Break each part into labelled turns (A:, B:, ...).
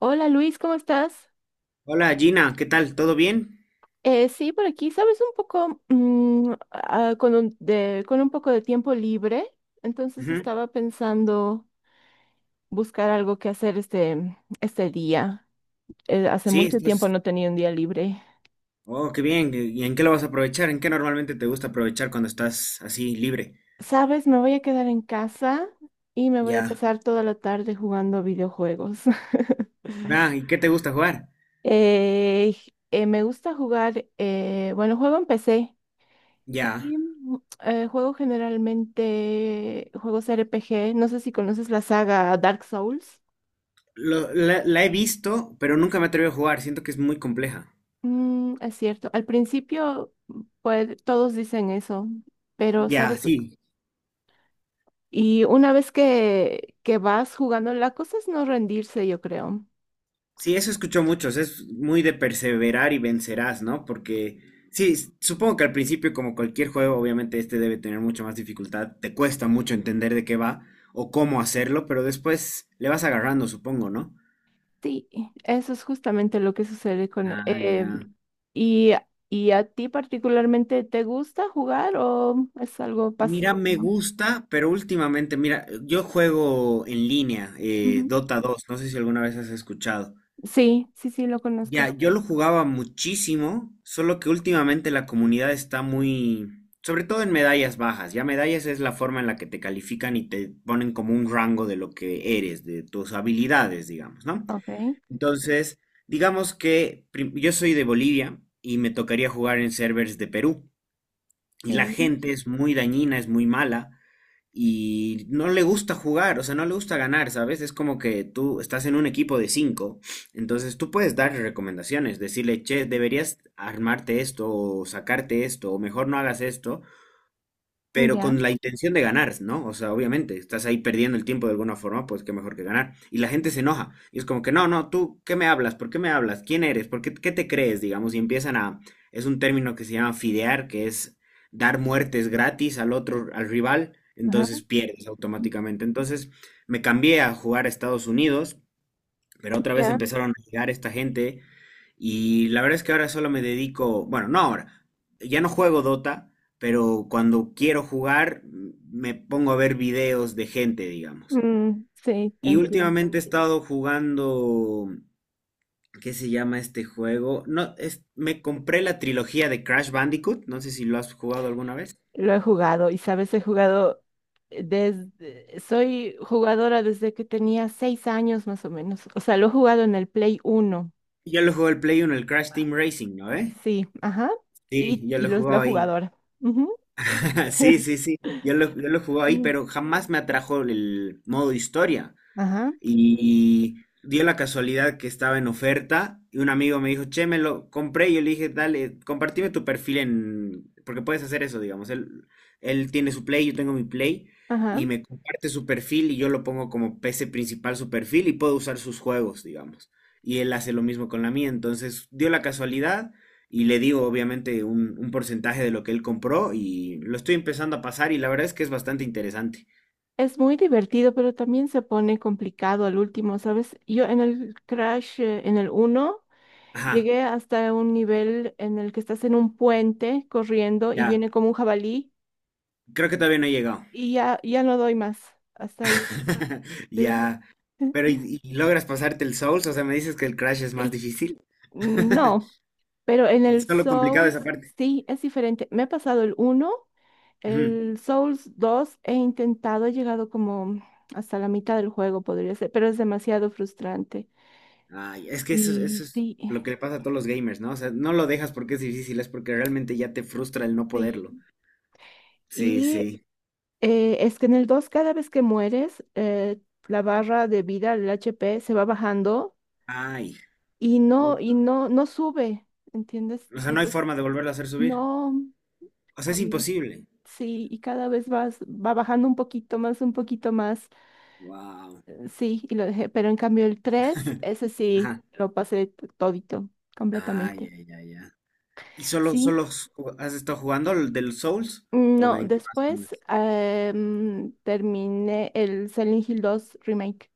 A: Hola Luis, ¿cómo estás?
B: Hola Gina, ¿qué tal? ¿Todo bien?
A: Sí, por aquí, sabes, un poco con con un poco de tiempo libre, entonces
B: Ujú.
A: estaba pensando buscar algo que hacer este día. Hace
B: Sí,
A: mucho tiempo
B: estás.
A: no tenía un día libre.
B: Oh, qué bien. ¿Y en qué lo vas a aprovechar? ¿En qué normalmente te gusta aprovechar cuando estás así libre?
A: Sabes, me voy a quedar en casa y me voy a
B: Ya.
A: pasar toda la tarde jugando videojuegos.
B: Ah, ¿y qué te gusta jugar?
A: Eh, Me gusta jugar, bueno, juego en PC.
B: Ya.
A: Y, mm, Juego generalmente juegos RPG. No sé si conoces la saga Dark Souls.
B: La he visto, pero nunca me atreví a jugar. Siento que es muy compleja.
A: Mm, es cierto. Al principio, pues todos dicen eso, pero
B: Ya,
A: sabes,
B: sí.
A: y una vez que vas jugando, la cosa es no rendirse, yo creo.
B: Sí, eso escucho muchos, es muy de perseverar y vencerás, ¿no? Porque sí, supongo que al principio, como cualquier juego, obviamente este debe tener mucha más dificultad, te cuesta mucho entender de qué va o cómo hacerlo, pero después le vas agarrando, supongo, ¿no?
A: Sí, eso es justamente lo que sucede con...
B: Ah, ya.
A: y, ¿Y a ti particularmente te gusta jugar o es algo
B: Mira, me
A: pasivo?
B: gusta, pero últimamente, mira, yo juego en línea,
A: Ujú.
B: Dota dos. No sé si alguna vez has escuchado.
A: Sí, sí, sí, lo conozco.
B: Ya, yo lo jugaba muchísimo, solo que últimamente la comunidad está muy, sobre todo en medallas bajas. Ya medallas es la forma en la que te califican y te ponen como un rango de lo que eres, de tus habilidades, digamos, ¿no?
A: Ok.
B: Entonces, digamos que yo soy de Bolivia y me tocaría jugar en servers de Perú y
A: Sí,
B: la gente es muy dañina, es muy mala y no le gusta jugar, o sea, no le gusta ganar, ¿sabes? Es como que tú estás en un equipo de cinco, entonces tú puedes darle recomendaciones, decirle, che, deberías armarte esto o sacarte esto o mejor no hagas esto, pero
A: ya,
B: con la intención de ganar, ¿no? O sea, obviamente, estás ahí perdiendo el tiempo de alguna forma, pues qué mejor que ganar. Y la gente se enoja. Y es como que, no, no, tú, ¿qué me hablas? ¿Por qué me hablas? ¿Quién eres? ¿Por qué, qué te crees? Digamos, y empiezan a. Es un término que se llama fidear, que es dar muertes gratis al otro, al rival,
A: ajá,
B: entonces pierdes automáticamente. Entonces me cambié a jugar a Estados Unidos, pero otra vez
A: ya,
B: empezaron a llegar esta gente y la verdad es que ahora solo me dedico, bueno, no ahora, ya no juego Dota, pero cuando quiero jugar me pongo a ver videos de gente, digamos.
A: mm, sí, te
B: Y
A: entiendo.
B: últimamente he estado jugando, ¿qué se llama este juego? No, es, me compré la trilogía de Crash Bandicoot, no sé si lo has jugado alguna vez.
A: Lo he jugado y sabes, he jugado desde, soy jugadora desde que tenía seis años más o menos. O sea, lo he jugado en el Play uno,
B: Yo lo juego el Play uno, el Crash Team Racing, ¿no? ¿Eh?
A: sí, ajá,
B: Sí, yo lo he
A: la
B: jugado ahí.
A: jugadora. Ujú.
B: Sí, sí, sí. Yo lo jugué ahí,
A: Mm,
B: pero jamás me atrajo el modo historia.
A: ajá,
B: Y dio la casualidad que estaba en oferta y un amigo me dijo, che, me lo compré. Y yo le dije, dale, compartime tu perfil en. Porque puedes hacer eso, digamos. Él tiene su Play, yo tengo mi Play.
A: ajá.
B: Y me comparte su perfil y yo lo pongo como PC principal su perfil y puedo usar sus juegos, digamos. Y él hace lo mismo con la mía. Entonces dio la casualidad y le digo obviamente un porcentaje de lo que él compró y lo estoy empezando a pasar y la verdad es que es bastante interesante.
A: Es muy divertido, pero también se pone complicado al último, ¿sabes? Yo en el Crash, en el uno
B: Ajá,
A: llegué hasta un nivel en el que estás en un puente corriendo y
B: ya.
A: viene como un jabalí
B: Creo que todavía no he llegado.
A: y ya, ya no doy más. Hasta ahí. Sí.
B: Ya. Pero ¿y logras pasarte el Souls? O sea, me dices que el Crash es más
A: Sí.
B: difícil.
A: No. Pero en
B: Y
A: el
B: solo complicado esa
A: Souls
B: parte.
A: sí es diferente. Me he pasado el uno,
B: Ujú.
A: el Souls 2 he intentado, he llegado como hasta la mitad del juego, podría ser, pero es demasiado frustrante.
B: Ay, es que eso,
A: Y
B: eso es
A: sí,
B: lo que le pasa a todos los gamers, ¿no? O sea, no lo dejas porque es difícil, es porque realmente ya te frustra el no poderlo.
A: sí.
B: Sí,
A: Y
B: sí.
A: Es que en el 2 cada vez que mueres, la barra de vida, el HP, se va bajando
B: Ay, puta.
A: y no, no sube, ¿entiendes?
B: O sea, no hay
A: Entonces,
B: forma de volverlo a hacer subir.
A: no,
B: O sea, es
A: am,
B: imposible.
A: sí, y cada vez va bajando un poquito más,
B: Wow.
A: sí, y lo dejé, pero en cambio el 3 ese sí,
B: Ajá.
A: todito,
B: Ay,
A: completamente.
B: ya, ya, ya. ¿Y solo,
A: Sí,
B: solo has estado jugando al del Souls? ¿O
A: no,
B: en qué más?
A: después terminé el Silent Hill 2 Remake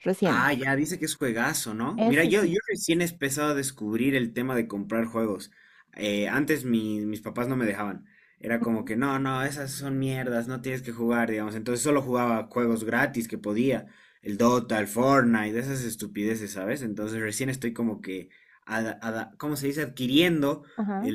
A: recién,
B: Ah, ya, dice que es juegazo, ¿no? Mira,
A: ese
B: yo,
A: sí.
B: yo recién he empezado a descubrir el tema de comprar juegos. Antes mis papás no me dejaban. Era como
A: Ujú.
B: que, no, no, esas son mierdas, no tienes que jugar, digamos. Entonces solo jugaba juegos gratis que podía. El Dota, el Fortnite, esas estupideces, ¿sabes? Entonces recién estoy como que, ¿cómo se dice? Adquiriendo
A: Ajá.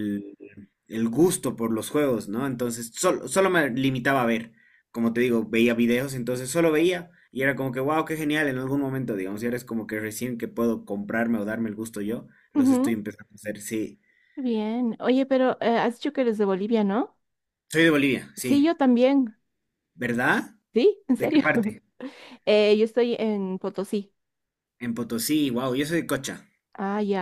B: el gusto por los juegos, ¿no? Entonces solo me limitaba a ver, como te digo, veía videos, entonces solo veía y era como que, wow, qué genial en algún momento, digamos, y ahora es como que recién que puedo comprarme o darme el gusto yo, los estoy
A: Ujú,
B: empezando a hacer, sí.
A: bien. Oye, pero has dicho que eres de Bolivia, ¿no?
B: Soy de Bolivia,
A: Sí, yo
B: sí.
A: también.
B: ¿Verdad?
A: Sí, en
B: ¿De qué
A: serio.
B: parte?
A: Yo estoy en Potosí.
B: En Potosí, wow, yo soy de Cocha.
A: Ah, ya.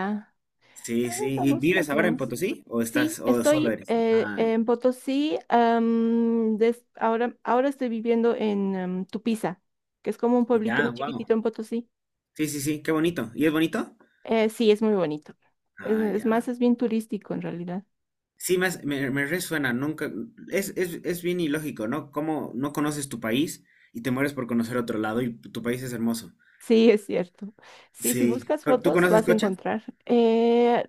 A: Ah,
B: Sí, sí. ¿Y
A: estamos
B: vives
A: más o
B: ahora en
A: menos.
B: Potosí o
A: Sí,
B: estás o solo
A: estoy
B: eres? Ah,
A: en Potosí. Ahora estoy viviendo en Tupiza, que es como un pueblito
B: ya,
A: muy
B: wow.
A: chiquitito en Potosí.
B: Sí, sí, sí, qué bonito. ¿Y es bonito?
A: Sí, es muy bonito.
B: Ah,
A: Es
B: ya.
A: más, es bien turístico en realidad.
B: Sí, me resuena, nunca, es bien ilógico, ¿no? Cómo no conoces tu país y te mueres por conocer otro lado y tu país es hermoso.
A: Sí, es cierto. Sí, si
B: Sí.
A: buscas
B: ¿Tú
A: fotos
B: conoces
A: vas a
B: Cocha?
A: encontrar.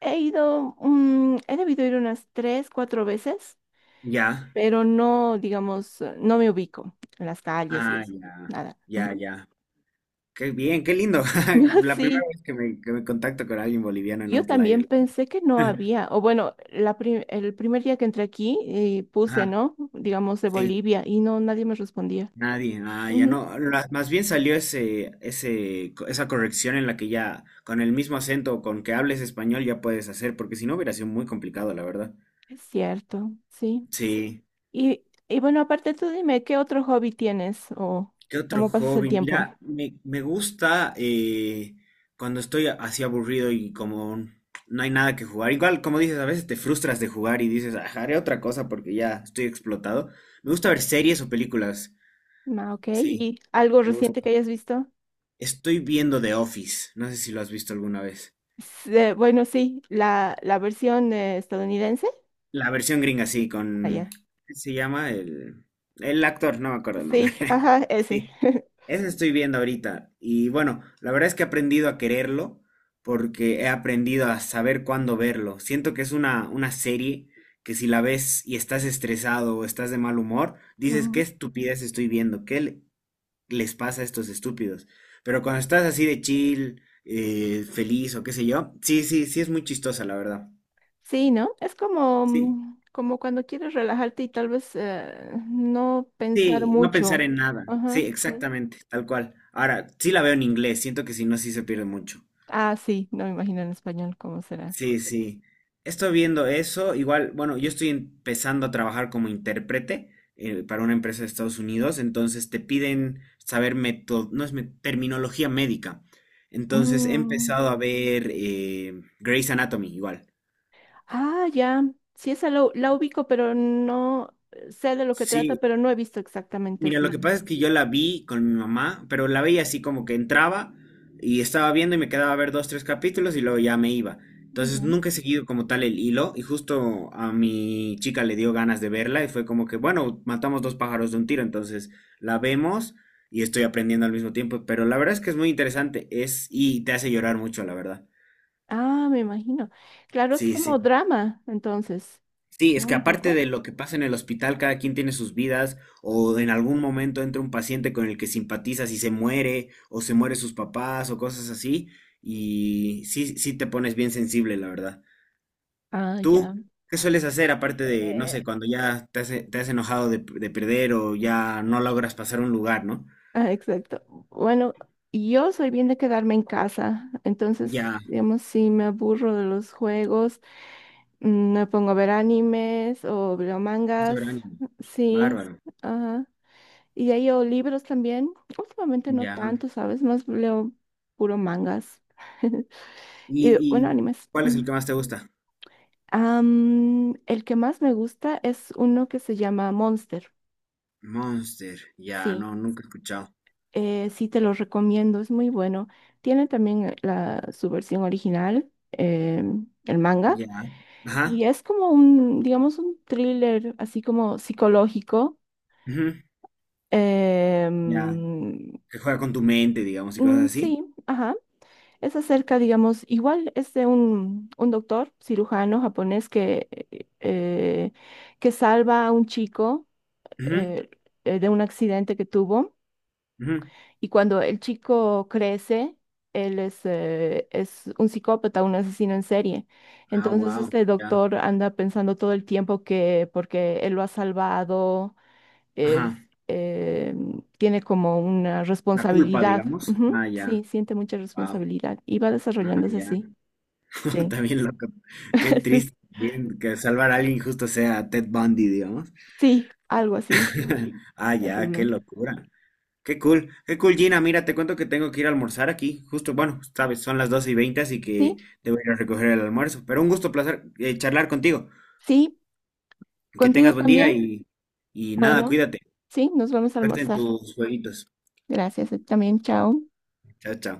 A: He ido, he debido ir unas tres, cuatro veces,
B: Ya.
A: pero no, digamos, no me ubico en las calles y
B: Ah,
A: eso,
B: ya,
A: nada.
B: ya,
A: Ujú.
B: ya. Qué bien, qué lindo. La primera
A: Sí,
B: vez que me contacto con alguien boliviano en
A: yo también
B: Outlier.
A: pensé que no había, o bueno, el primer día que entré aquí puse,
B: Ajá,
A: ¿no? Digamos, de
B: sí,
A: Bolivia y no, nadie me respondía.
B: nadie, ah, ya
A: Ujú,
B: no, más bien salió ese, esa corrección en la que ya con el mismo acento con que hables español ya puedes hacer, porque si no hubiera sido muy complicado, la verdad.
A: es cierto, sí.
B: Sí.
A: Y, y bueno, aparte tú dime, ¿qué otro hobby tienes o
B: ¿Qué otro
A: cómo pasas el
B: hobby?
A: tiempo?
B: Mira, me gusta cuando estoy así aburrido y como no hay nada que jugar. Igual, como dices, a veces te frustras de jugar y dices, "Ah, haré otra cosa porque ya estoy explotado." Me gusta ver series o películas.
A: Ah, ok,
B: Sí,
A: ¿y algo
B: me gusta.
A: reciente que hayas visto?
B: Estoy viendo The Office. No sé si lo has visto alguna vez.
A: Bueno, sí, la versión estadounidense.
B: La versión gringa, sí, con,
A: Allá.
B: ¿qué se llama? El actor, no me acuerdo el nombre.
A: Sí, ajá,
B: Sí,
A: ese.
B: eso estoy viendo ahorita. Y bueno, la verdad es que he aprendido a quererlo porque he aprendido a saber cuándo verlo. Siento que es una serie que si la ves y estás estresado o estás de mal humor, dices, qué
A: Ujú.
B: estupidez estoy viendo, les pasa a estos estúpidos. Pero cuando estás así de chill, feliz o qué sé yo, sí, sí, sí es muy chistosa, la verdad.
A: Sí, ¿no? Es como,
B: Sí.
A: mm, como cuando quieres relajarte y tal vez no pensar
B: Sí, no pensar
A: mucho.
B: en nada.
A: Ajá,
B: Sí,
A: sí.
B: exactamente, tal cual. Ahora, sí la veo en inglés, siento que si no, sí se pierde mucho.
A: Ah, sí, no me imagino en español cómo será.
B: Sí, sí. Estoy viendo eso. Igual, bueno, yo estoy empezando a trabajar como intérprete para una empresa de Estados Unidos, entonces te piden saber meto- no es me- terminología médica. Entonces he
A: Mm,
B: empezado a ver Grey's Anatomy, igual.
A: ah, ya. Sí, esa la ubico, pero no sé de lo que trata,
B: Sí.
A: pero no he visto exactamente
B: Mira, lo que
A: así.
B: pasa es que yo la vi con mi mamá, pero la veía así como que entraba y estaba viendo y me quedaba a ver dos, tres capítulos y luego ya me iba. Entonces
A: Ujú.
B: nunca he seguido como tal el hilo y justo a mi chica le dio ganas de verla y fue como que, bueno, matamos dos pájaros de un tiro, entonces la vemos y estoy aprendiendo al mismo tiempo, pero la verdad es que es muy interesante, es y te hace llorar mucho, la verdad.
A: Ah, me imagino. Claro, es
B: Sí,
A: como
B: sí.
A: drama, entonces,
B: Sí, es
A: ¿no?
B: que
A: Un
B: aparte
A: poco.
B: de lo que pasa en el hospital, cada quien tiene sus vidas, o en algún momento entra un paciente con el que simpatizas y se muere, o se muere sus papás, o cosas así, y sí, sí te pones bien sensible, la verdad.
A: Ah, ya.
B: ¿Tú qué sueles hacer aparte de, no
A: Eh,
B: sé, cuando ya te has enojado de perder o ya no logras pasar un lugar, ¿no?
A: exacto. Bueno, yo soy bien de quedarme en casa, entonces,
B: Ya,
A: digamos, si me aburro de los juegos, me pongo a ver animes o veo mangas,
B: soberanía.
A: sí,
B: Bárbaro.
A: ajá. Y ahí leo libros también. Últimamente no
B: Ya.
A: tanto, ¿sabes? Más leo puro mangas. Y
B: ¿Y,
A: bueno,
B: y
A: animes.
B: cuál es el
A: Mm.
B: que más te gusta?
A: Am, el que más me gusta es uno que se llama Monster.
B: Monster. Ya, no,
A: Sí.
B: nunca he escuchado.
A: Sí, te lo recomiendo, es muy bueno. Tiene también su versión original, el manga,
B: Ya. Ajá.
A: y es como digamos, un thriller así como psicológico. eh,
B: Ya,
A: mm,
B: que juega con tu mente, digamos, y cosas así.
A: sí, ajá. Es acerca, digamos, igual es de un doctor cirujano japonés eh, que salva a un chico
B: Ujú,
A: eh, de un accidente que tuvo.
B: ujú.
A: Y cuando el chico crece, es un psicópata, un asesino en serie.
B: Ah,
A: Entonces
B: wow,
A: este
B: ya.
A: doctor anda pensando todo el tiempo que porque él lo ha salvado,
B: Ajá,
A: es, eh, tiene como una
B: la culpa,
A: responsabilidad.
B: digamos.
A: Ujú,
B: Ah, ya,
A: sí, siente mucha
B: wow.
A: responsabilidad y va
B: Ah,
A: desarrollándose
B: ya.
A: así. Sí,
B: También loco. Qué
A: sí,
B: triste. Bien, que salvar a alguien justo sea Ted Bundy, digamos.
A: sí, algo así.
B: Ah, ya, qué
A: Terrible.
B: locura. Qué cool, Gina. Mira, te cuento que tengo que ir a almorzar aquí. Justo, bueno, sabes, son las 12:20, así que
A: Sí,
B: debo ir a recoger el almuerzo. Pero un gusto, placer charlar contigo.
A: sí,
B: Que
A: contigo
B: tengas buen día
A: también.
B: y nada,
A: Bueno,
B: cuídate.
A: sí, nos vamos a
B: Suerte en
A: almorzar.
B: tus jueguitos.
A: Gracias, también, chao.
B: Chao, chao.